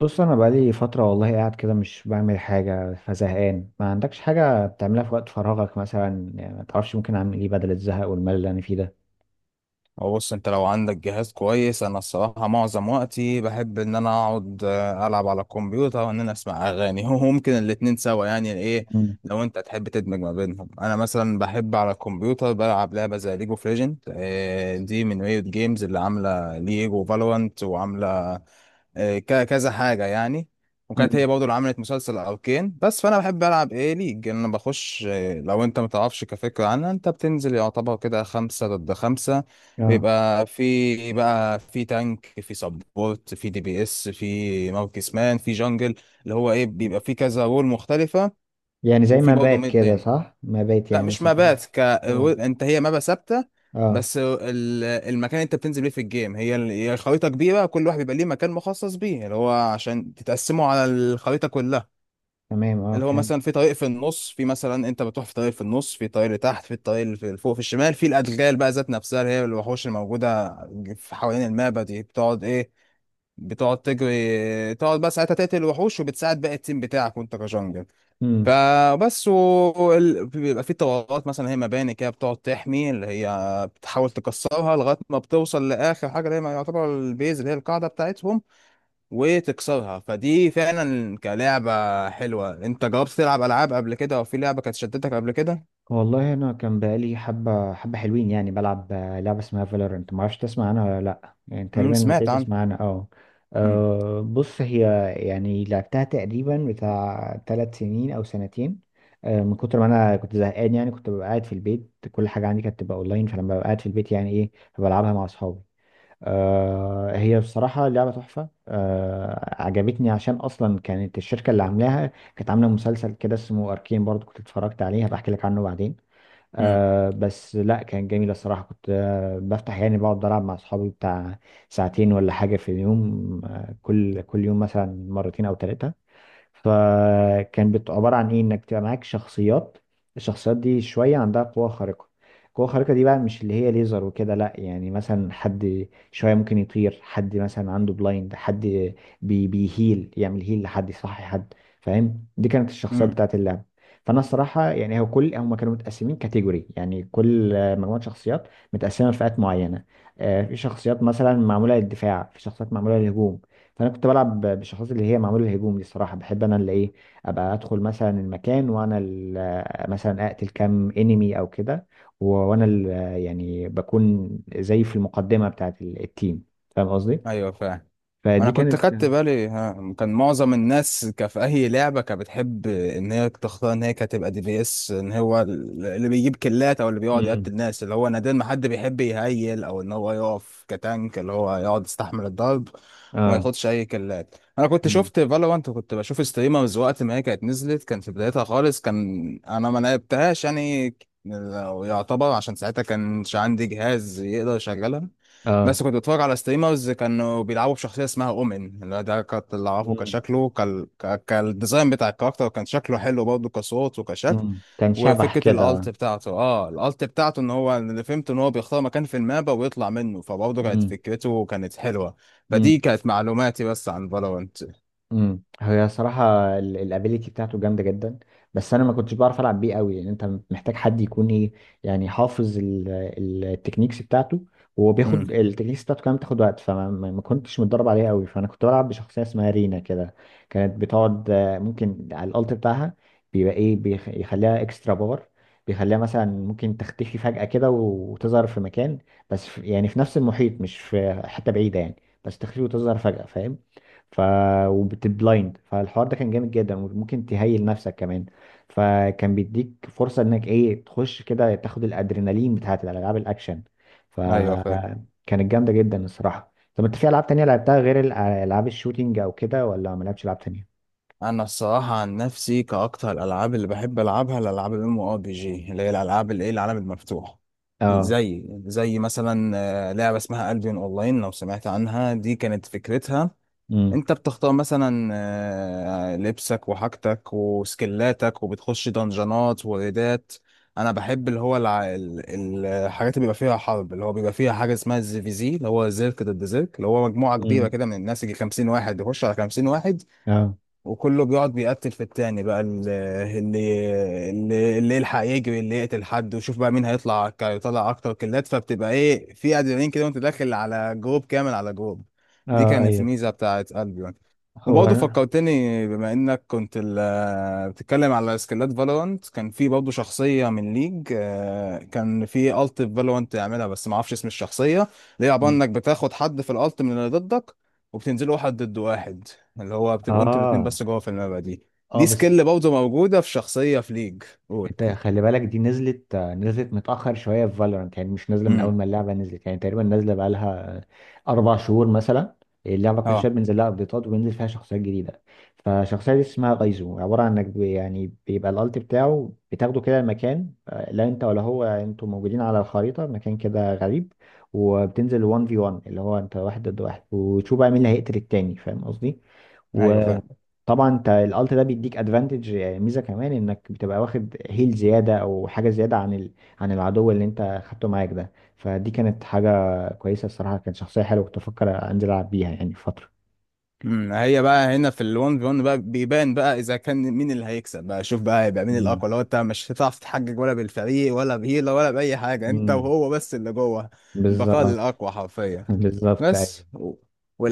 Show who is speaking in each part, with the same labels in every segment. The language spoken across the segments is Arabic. Speaker 1: بص انا بقالي فتره والله قاعد كده مش بعمل حاجه فزهقان. ما عندكش حاجه بتعملها في وقت فراغك مثلا؟ يعني ما تعرفش ممكن اعمل ايه بدل الزهق والملل اللي انا فيه ده؟
Speaker 2: هو بص، انت لو عندك جهاز كويس انا الصراحه معظم وقتي بحب ان انا اقعد العب على الكمبيوتر وان انا اسمع اغاني هو ممكن الاتنين سوا يعني. ايه
Speaker 1: مم.
Speaker 2: لو انت تحب تدمج ما بينهم؟ انا مثلا بحب على الكمبيوتر بلعب لعبه زي ليجو اوف ليجند. دي من ريوت جيمز اللي عامله ليج وفالورانت وعامله كذا حاجة يعني. وكانت
Speaker 1: مم.
Speaker 2: هي برضه اللي عملت مسلسل أركين. بس فأنا بحب ألعب إيه ليج. أنا بخش، لو أنت متعرفش كفكرة عنها، أنت بتنزل يعتبر كده خمسة ضد خمسة.
Speaker 1: اه.
Speaker 2: بيبقى في بقى في تانك، في سبورت، في دي بي اس، في مركز مان، في جنجل، اللي هو إيه بيبقى في كذا رول مختلفة.
Speaker 1: يعني زي
Speaker 2: وفي
Speaker 1: ما
Speaker 2: برضه
Speaker 1: بات
Speaker 2: ميد
Speaker 1: كده،
Speaker 2: لين.
Speaker 1: صح؟ ما بات
Speaker 2: لا
Speaker 1: يعني
Speaker 2: مش
Speaker 1: مثلا كده.
Speaker 2: مبات
Speaker 1: اه.
Speaker 2: انت هي مابا ثابته.
Speaker 1: اه.
Speaker 2: بس المكان اللي انت بتنزل بيه في الجيم هي هي الخريطه كبيره، كل واحد بيبقى ليه مكان مخصص بيه اللي هو عشان تتقسموا على الخريطه كلها.
Speaker 1: تمام، اه
Speaker 2: اللي هو
Speaker 1: فهمت.
Speaker 2: مثلا في طريق في النص، في مثلا انت بتروح في طريق في النص، في طريق لتحت، في الطريق اللي في فوق في الشمال، في الادغال بقى ذات نفسها اللي هي الوحوش الموجوده في حوالين المابا دي بتقعد ايه؟ بتقعد تجري، تقعد بقى ساعتها تقتل الوحوش وبتساعد باقي التيم بتاعك وانت كجنجل.
Speaker 1: مم.
Speaker 2: فبس بيبقى في طوارات مثلا هي مباني كده بتقعد تحمي اللي هي بتحاول تكسرها لغايه ما بتوصل لاخر حاجه اللي هي ما يعتبر البيز اللي هي القاعده بتاعتهم، وتكسرها. فدي فعلا كلعبه حلوه. انت جربت تلعب العاب قبل كده او في لعبه كانت شدتك قبل كده؟
Speaker 1: والله انا كان بقالي حبه حبه حلوين يعني بلعب لعبه اسمها فالورنت، ما اعرفش تسمع عنها ولا لا. يعني
Speaker 2: امم،
Speaker 1: تقريبا كنت
Speaker 2: سمعت عنها.
Speaker 1: تسمع عنها، اه. بص، هي يعني لعبتها تقريبا بتاع ثلاث سنين او سنتين. من كتر ما انا كنت زهقان يعني كنت ببقى قاعد في البيت، كل حاجه عندي كانت تبقى اونلاين، فلما ببقى قاعد في البيت يعني ايه، بلعبها مع اصحابي. هي بصراحه لعبه تحفه، عجبتني عشان اصلا كانت الشركه اللي عاملاها كانت عامله مسلسل كده اسمه اركين برضو، كنت اتفرجت عليه، هبقى احكي لك عنه بعدين. آه بس لا كان جميل الصراحة، كنت بفتح يعني بقعد ألعب مع أصحابي بتاع ساعتين ولا حاجة في اليوم. آه، كل يوم مثلا مرتين أو ثلاثة. فكان عبارة عن ايه انك تبقى معاك شخصيات. الشخصيات دي شوية عندها قوة خارقة. القوة الخارقة دي بقى مش اللي هي ليزر وكده، لا يعني مثلا حد شوية ممكن يطير، حد مثلا عنده بلايند، حد بيهيل يعمل هيل لحد، يصحي حد، فاهم؟ دي كانت الشخصيات
Speaker 2: امم.
Speaker 1: بتاعت اللعبة. فانا الصراحة يعني هو كل هم كانوا متقسمين كاتيجوري، يعني كل مجموعة شخصيات متقسمة لفئات معينة. في شخصيات مثلا معمولة للدفاع، في شخصيات معمولة للهجوم. فانا كنت بلعب بالشخصيات اللي هي معموله الهجوم دي. الصراحه بحب انا اللي ايه ابقى ادخل مثلا المكان وانا مثلا اقتل كام انمي او كده. و- وانا ال- يعني بكون زي في المقدمه بتاعه التيم، فاهم قصدي؟
Speaker 2: ايوه فاهم. ما انا
Speaker 1: فدي
Speaker 2: كنت
Speaker 1: كانت.
Speaker 2: خدت بالي، ها، كان معظم الناس في اي لعبه كانت بتحب ان هي تختار ان هي كانت تبقى دي بي اس، ان هو اللي بيجيب كلات او اللي بيقعد يقتل
Speaker 1: امم.
Speaker 2: الناس، اللي هو نادر ما حد بيحب يهيل او ان هو يقف كتانك اللي هو يقعد يستحمل الضرب وما
Speaker 1: اه.
Speaker 2: ياخدش اي كلات. انا كنت
Speaker 1: مم.
Speaker 2: شفت فالورانت وكنت بشوف ستريمرز وقت ما هي كانت نزلت، كان في بدايتها خالص، كان انا ما لعبتهاش يعني، لو يعتبر عشان ساعتها كانش عندي جهاز يقدر يشغلها.
Speaker 1: اه.
Speaker 2: بس كنت بتفرج على ستريمرز كانوا بيلعبوا بشخصية اسمها أومن، اللي ده كنت اللي أعرفه
Speaker 1: مم.
Speaker 2: كشكله كالديزاين بتاع الكاركتر، كان شكله حلو برضه كصوت وكشكل.
Speaker 1: امم، كان شبح
Speaker 2: وفكرة الألت
Speaker 1: كده.
Speaker 2: بتاعته، اه الألت بتاعته إن هو اللي فهمت إن هو بيختار مكان في المابا ويطلع منه، فبرضه كانت فكرته كانت حلوة.
Speaker 1: امم.
Speaker 2: فدي كانت معلوماتي بس عن فالورنت.
Speaker 1: امم. هي صراحة الابيليتي بتاعته جامدة جدا. بس انا ما كنتش بعرف العب بيه قوي، لان انت محتاج حد يكون ايه يعني، حافظ التكنيكس بتاعته. وهو
Speaker 2: امم.
Speaker 1: بياخد التكنيكس بتاعته كمان بتاخد وقت، فما ما ما كنتش متدرب عليها قوي. فانا كنت بلعب بشخصية اسمها رينا كده. كانت بتقعد ممكن على الالت بتاعها بيبقى ايه بيخليها اكسترا باور. بيخليها مثلا ممكن تختفي فجأة كده وتظهر في مكان، بس في يعني في نفس المحيط، مش في حتة بعيدة يعني. بس تختفي وتظهر فجأة، فاهم؟ ف وبتبلايند، فالحوار ده كان جامد جدا، وممكن تهيل نفسك كمان. فكان بيديك فرصة انك ايه تخش كده تاخد الادرينالين بتاعت الالعاب الاكشن.
Speaker 2: أيوه فاهم.
Speaker 1: فكانت جامدة جدا الصراحة. طب انت في العاب تانية لعبتها غير العاب الشوتينج او كده، ولا ما لعبتش العاب تانية؟
Speaker 2: انا الصراحه عن نفسي كاكتر، الالعاب اللي بحب العبها الالعاب الام ار بي جي، اللي هي الالعاب الايه العالم المفتوح.
Speaker 1: اه.
Speaker 2: زي مثلا لعبه اسمها البيون اونلاين، لو سمعت عنها. دي كانت فكرتها
Speaker 1: امم.
Speaker 2: انت بتختار مثلا لبسك وحاجتك وسكلاتك وبتخش دنجانات وريدات. انا بحب اللي هو الحاجات اللي بيبقى فيها حرب، اللي هو بيبقى فيها حاجه اسمها الزي في زي، اللي هو زيرك ضد زيرك، اللي هو مجموعه كبيره
Speaker 1: امم.
Speaker 2: كده من الناس يجي 50 واحد يخش على 50 واحد
Speaker 1: اه.
Speaker 2: وكله بيقعد بيقتل في التاني بقى اللي يلحق يجري، اللي يقتل حد، وشوف بقى مين هيطلع يطلع اكتر كلات. فبتبقى ايه، في ادرينالين كده وانت داخل على جروب كامل على جروب. دي
Speaker 1: اه.
Speaker 2: كانت
Speaker 1: ايوه.
Speaker 2: الميزه بتاعت البيون.
Speaker 1: هو
Speaker 2: وبرضه
Speaker 1: انا
Speaker 2: فكرتني بما انك كنت بتتكلم على سكيلات فالورانت، كان في برضه شخصيه من ليج كان في الت في فالورانت تعملها بس ما اعرفش اسم الشخصيه، اللي هي عباره انك بتاخد حد في الالت من اللي ضدك وبتنزلوا واحد ضد واحد، اللي هو بتبقوا انتوا الاتنين
Speaker 1: اه،
Speaker 2: بس جوه في الملعب دي.
Speaker 1: اه
Speaker 2: دي
Speaker 1: بس.
Speaker 2: سكيل برضه موجودة في شخصية في ليج. قول.
Speaker 1: انت خلي بالك، دي نزلت متأخر شوية في فالورانت. يعني مش نازلة من أول
Speaker 2: امم.
Speaker 1: ما اللعبة نزلت، يعني تقريبا نازلة بقالها أربع شهور مثلا. اللعبة كل شوية
Speaker 2: اه.
Speaker 1: بينزل لها أبديتات وبينزل فيها شخصيات جديدة. فالشخصية دي اسمها غايزو، عبارة عن إنك يعني بيبقى الألت بتاعه بتاخده كده المكان، لا أنت ولا هو، يعني أنتوا موجودين على الخريطة مكان كده غريب. وبتنزل 1 في 1، اللي هو أنت واحد ضد واحد، وتشوف بقى مين اللي هيقتل التاني، فاهم قصدي؟
Speaker 2: ايوه.
Speaker 1: طبعا انت الالت ده بيديك ادفانتج ميزه كمان، انك بتبقى واخد هيل زياده او حاجه زياده عن ال... عن العدو اللي انت خدته معاك ده. فدي كانت حاجه كويسه الصراحه، كانت شخصيه حلوه، كنت افكر انزل العب بيها يعني فتره.
Speaker 2: امم. هي بقى هنا في الون في 1 بقى بيبان بقى اذا كان مين اللي هيكسب، بقى شوف بقى هيبقى مين
Speaker 1: مم.
Speaker 2: الاقوى. لو انت مش هتعرف تحجج ولا بالفريق ولا بهيلة ولا باي حاجه، انت
Speaker 1: مم.
Speaker 2: وهو بس اللي جوه. البقاء
Speaker 1: بالظبط.
Speaker 2: للاقوى حرفيا.
Speaker 1: بالظبط،
Speaker 2: بس
Speaker 1: ايوه.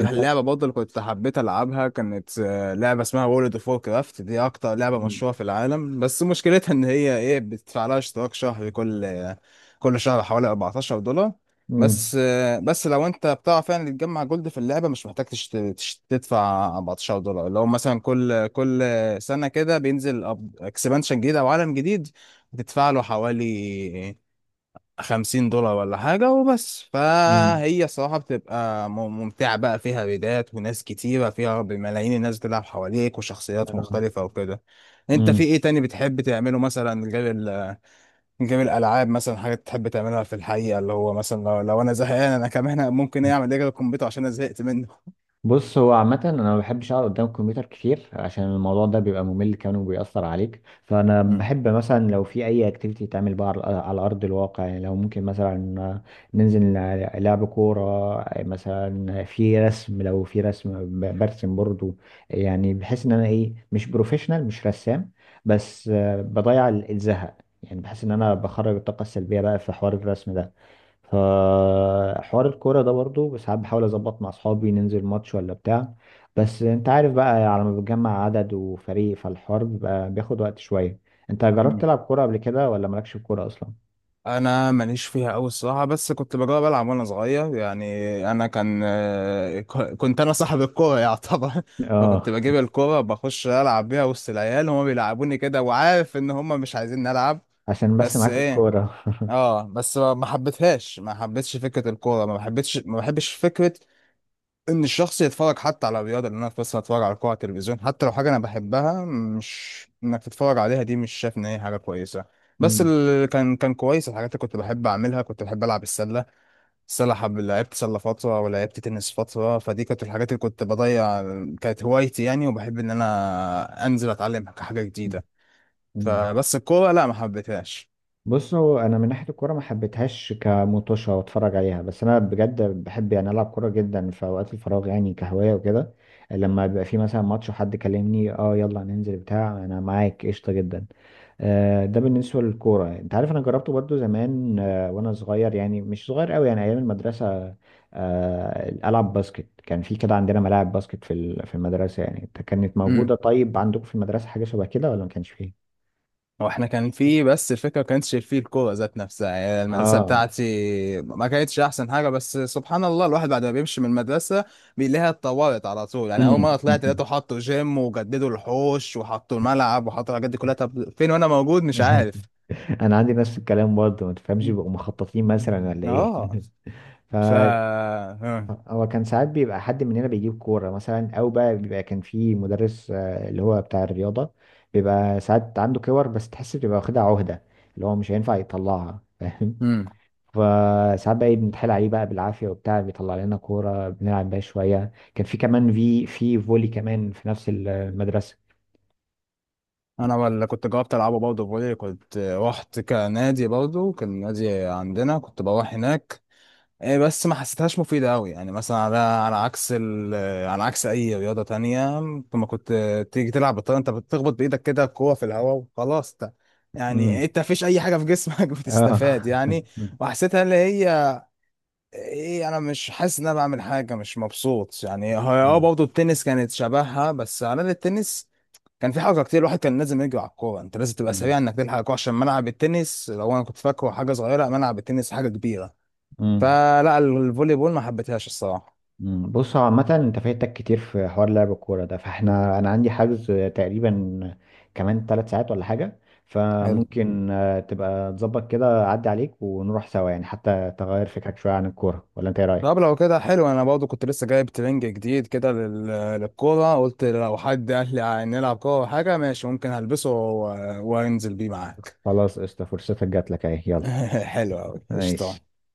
Speaker 1: انت.
Speaker 2: برضه اللي كنت حبيت العبها كانت لعبه اسمها وورلد اوف وور كرافت. دي اكتر لعبه
Speaker 1: مم.
Speaker 2: مشهوره في العالم، بس مشكلتها ان هي ايه بتدفع لها اشتراك شهري كل شهر حوالي 14$.
Speaker 1: مم.
Speaker 2: بس بس لو انت بتعرف يعني تجمع جولد في اللعبه، مش محتاج تدفع 14$. اللي هو مثلا كل سنه كده بينزل اكسبانشن جديد او عالم جديد، بتدفع له حوالي 50$ ولا حاجه وبس.
Speaker 1: مم.
Speaker 2: فهي صراحه بتبقى ممتعه، بقى فيها ريدات وناس كتيره فيها، بملايين الناس بتلعب حواليك وشخصيات
Speaker 1: اه.
Speaker 2: مختلفه وكده. انت في
Speaker 1: مم.
Speaker 2: ايه تاني بتحب تعمله مثلا غير جيم الالعاب؟ مثلا حاجات تحب تعملها في الحقيقه اللي هو مثلا لو انا زهقان، انا كمان ممكن إيه اعمل ايه على الكمبيوتر عشان انا زهقت منه؟
Speaker 1: بص هو عامة أنا ما بحبش أقعد قدام الكمبيوتر كتير، عشان الموضوع ده بيبقى ممل كمان وبيأثر عليك. فأنا
Speaker 2: مم.
Speaker 1: بحب مثلا لو في أي أكتيفيتي تعمل بقى على على أرض الواقع، يعني لو ممكن مثلا ننزل لعب كورة مثلا. في رسم، لو في رسم برسم برضو. يعني بحس إن أنا إيه مش بروفيشنال مش رسام، بس بضيع الزهق. يعني بحس إن أنا بخرج الطاقة السلبية بقى في حوار الرسم ده. فحوار الكورة ده برضو ساعات بحاول أظبط مع أصحابي ننزل ماتش ولا بتاع. بس أنت عارف بقى، على ما بتجمع عدد وفريق، فالحوار بيبقى بياخد وقت شوية. أنت جربت
Speaker 2: مم.
Speaker 1: تلعب كورة قبل كده ولا مالكش في الكورة أصلا؟
Speaker 2: انا ماليش فيها قوي الصراحه، بس كنت بجرب العب وانا صغير يعني. انا كان كنت انا صاحب الكوره يعتبر
Speaker 1: آه،
Speaker 2: فكنت بجيب الكوره بخش العب بيها وسط العيال، هما بيلعبوني كده وعارف ان هما مش عايزين نلعب.
Speaker 1: عشان بس
Speaker 2: بس
Speaker 1: معاك
Speaker 2: ايه،
Speaker 1: الكورة.
Speaker 2: اه بس ما ما حبيتهاش، ما حبيتش فكره الكوره، ما بحبتش ما بحبش فكره ان الشخص يتفرج حتى على الرياضه. اللي انا بس اتفرج على كوره على التلفزيون حتى لو حاجه انا بحبها، مش انك تتفرج عليها، دي مش شايف ان هي حاجه كويسه. بس اللي كان كان كويس الحاجات اللي كنت بحب اعملها، كنت بحب العب السله. السله حب، لعبت سله فتره ولعبت تنس فتره. فدي كانت الحاجات اللي كنت بضيع، كانت هوايتي يعني، وبحب ان انا انزل اتعلم حاجه جديده. فبس الكوره لا ما حبيتهاش.
Speaker 1: بصوا، انا من ناحيه الكوره ما حبيتهاش كمطوشه واتفرج عليها، بس انا بجد بحب يعني العب كوره جدا في اوقات الفراغ، يعني كهوايه وكده. لما بيبقى في مثلا ماتش وحد كلمني اه يلا ننزل بتاع، انا معاك قشطه جدا. ده بالنسبه للكوره. انت عارف انا جربته برضو زمان وانا صغير، يعني مش صغير قوي، يعني ايام المدرسه. العب باسكت، كان في كده عندنا ملاعب باسكت في المدرسه يعني كانت موجوده.
Speaker 2: مم.
Speaker 1: طيب عندكم في المدرسه حاجه شبه كده ولا ما كانش فيه؟
Speaker 2: هو احنا كان في، بس الفكره ما كانتش في الكوره ذات نفسها يعني. المدرسه
Speaker 1: اه.
Speaker 2: بتاعتي ما كانتش احسن حاجه، بس سبحان الله الواحد بعد ما بيمشي من المدرسه بيلاقيها اتطورت على طول. يعني اول مره طلعت
Speaker 1: امم.
Speaker 2: لقيته حطوا جيم وجددوا الحوش وحطوا الملعب وحطوا الحاجات دي كلها. طب فين وانا موجود؟ مش عارف
Speaker 1: انا عندي نفس الكلام برضه، ما تفهمش، بيبقوا مخططين مثلا ولا ايه؟
Speaker 2: اه.
Speaker 1: ف.
Speaker 2: ف.
Speaker 1: هو كان ساعات بيبقى حد مننا بيجيب كوره مثلا، او بقى بيبقى كان في مدرس اللي هو بتاع الرياضه. بيبقى ساعات عنده كور، بس تحس بيبقى واخدها عهده، اللي هو مش هينفع يطلعها فاهم.
Speaker 2: امم.
Speaker 1: فساعات بقى إيه بنتحايل عليه بقى بالعافيه وبتاع، بيطلع لنا كوره بنلعب بيها شويه. كان في كمان في فولي كمان في نفس المدرسه.
Speaker 2: انا اللي كنت جربت العبه برضه فولي، كنت رحت كنادي برضه كان نادي عندنا كنت بروح هناك. إيه بس ما حسيتهاش مفيدة أوي، يعني مثلا على عكس على عكس أي رياضة تانية. لما كنت تيجي تلعب بالطيارة، أنت بتخبط بإيدك كده الكورة في الهواء وخلاص يعني
Speaker 1: امم.
Speaker 2: أنت مفيش أي حاجة في جسمك
Speaker 1: اه.
Speaker 2: بتستفاد يعني. وحسيتها اللي هي إيه، أنا مش حاسس إن أنا بعمل حاجة، مش مبسوط يعني. هي أه برضه التنس كانت شبهها، بس على الأقل التنس كان في حركة كتير، الواحد كان لازم يجري على الكورة، أنت لازم تبقى سريع إنك تلحق الكورة، عشان ملعب التنس لو أنا كنت فاكره حاجة صغيرة، ملعب التنس حاجة كبيرة.
Speaker 1: امم.
Speaker 2: فلا الفولي بول ما حبيتهاش الصراحه.
Speaker 1: مم. بص هو عامة انت فايتك كتير في حوار لعب الكورة ده. فاحنا انا عندي حجز تقريبا كمان ثلاث ساعات ولا حاجة.
Speaker 2: حلو.
Speaker 1: فممكن تبقى تظبط كده اعدي عليك ونروح سوا، يعني حتى تغير فكرك شوية عن الكورة، ولا انت ايه رأيك؟
Speaker 2: طب لو كده حلو، انا برضو كنت لسه جايب ترنج جديد كده للكوره، قلت لو حد قال لي نلعب كوره أو حاجه ماشي ممكن هلبسه وانزل بيه معاك
Speaker 1: خلاص قشطة، فرصتك جات لك اهي، يلا.
Speaker 2: حلو قوي
Speaker 1: ماشي.
Speaker 2: قشطه.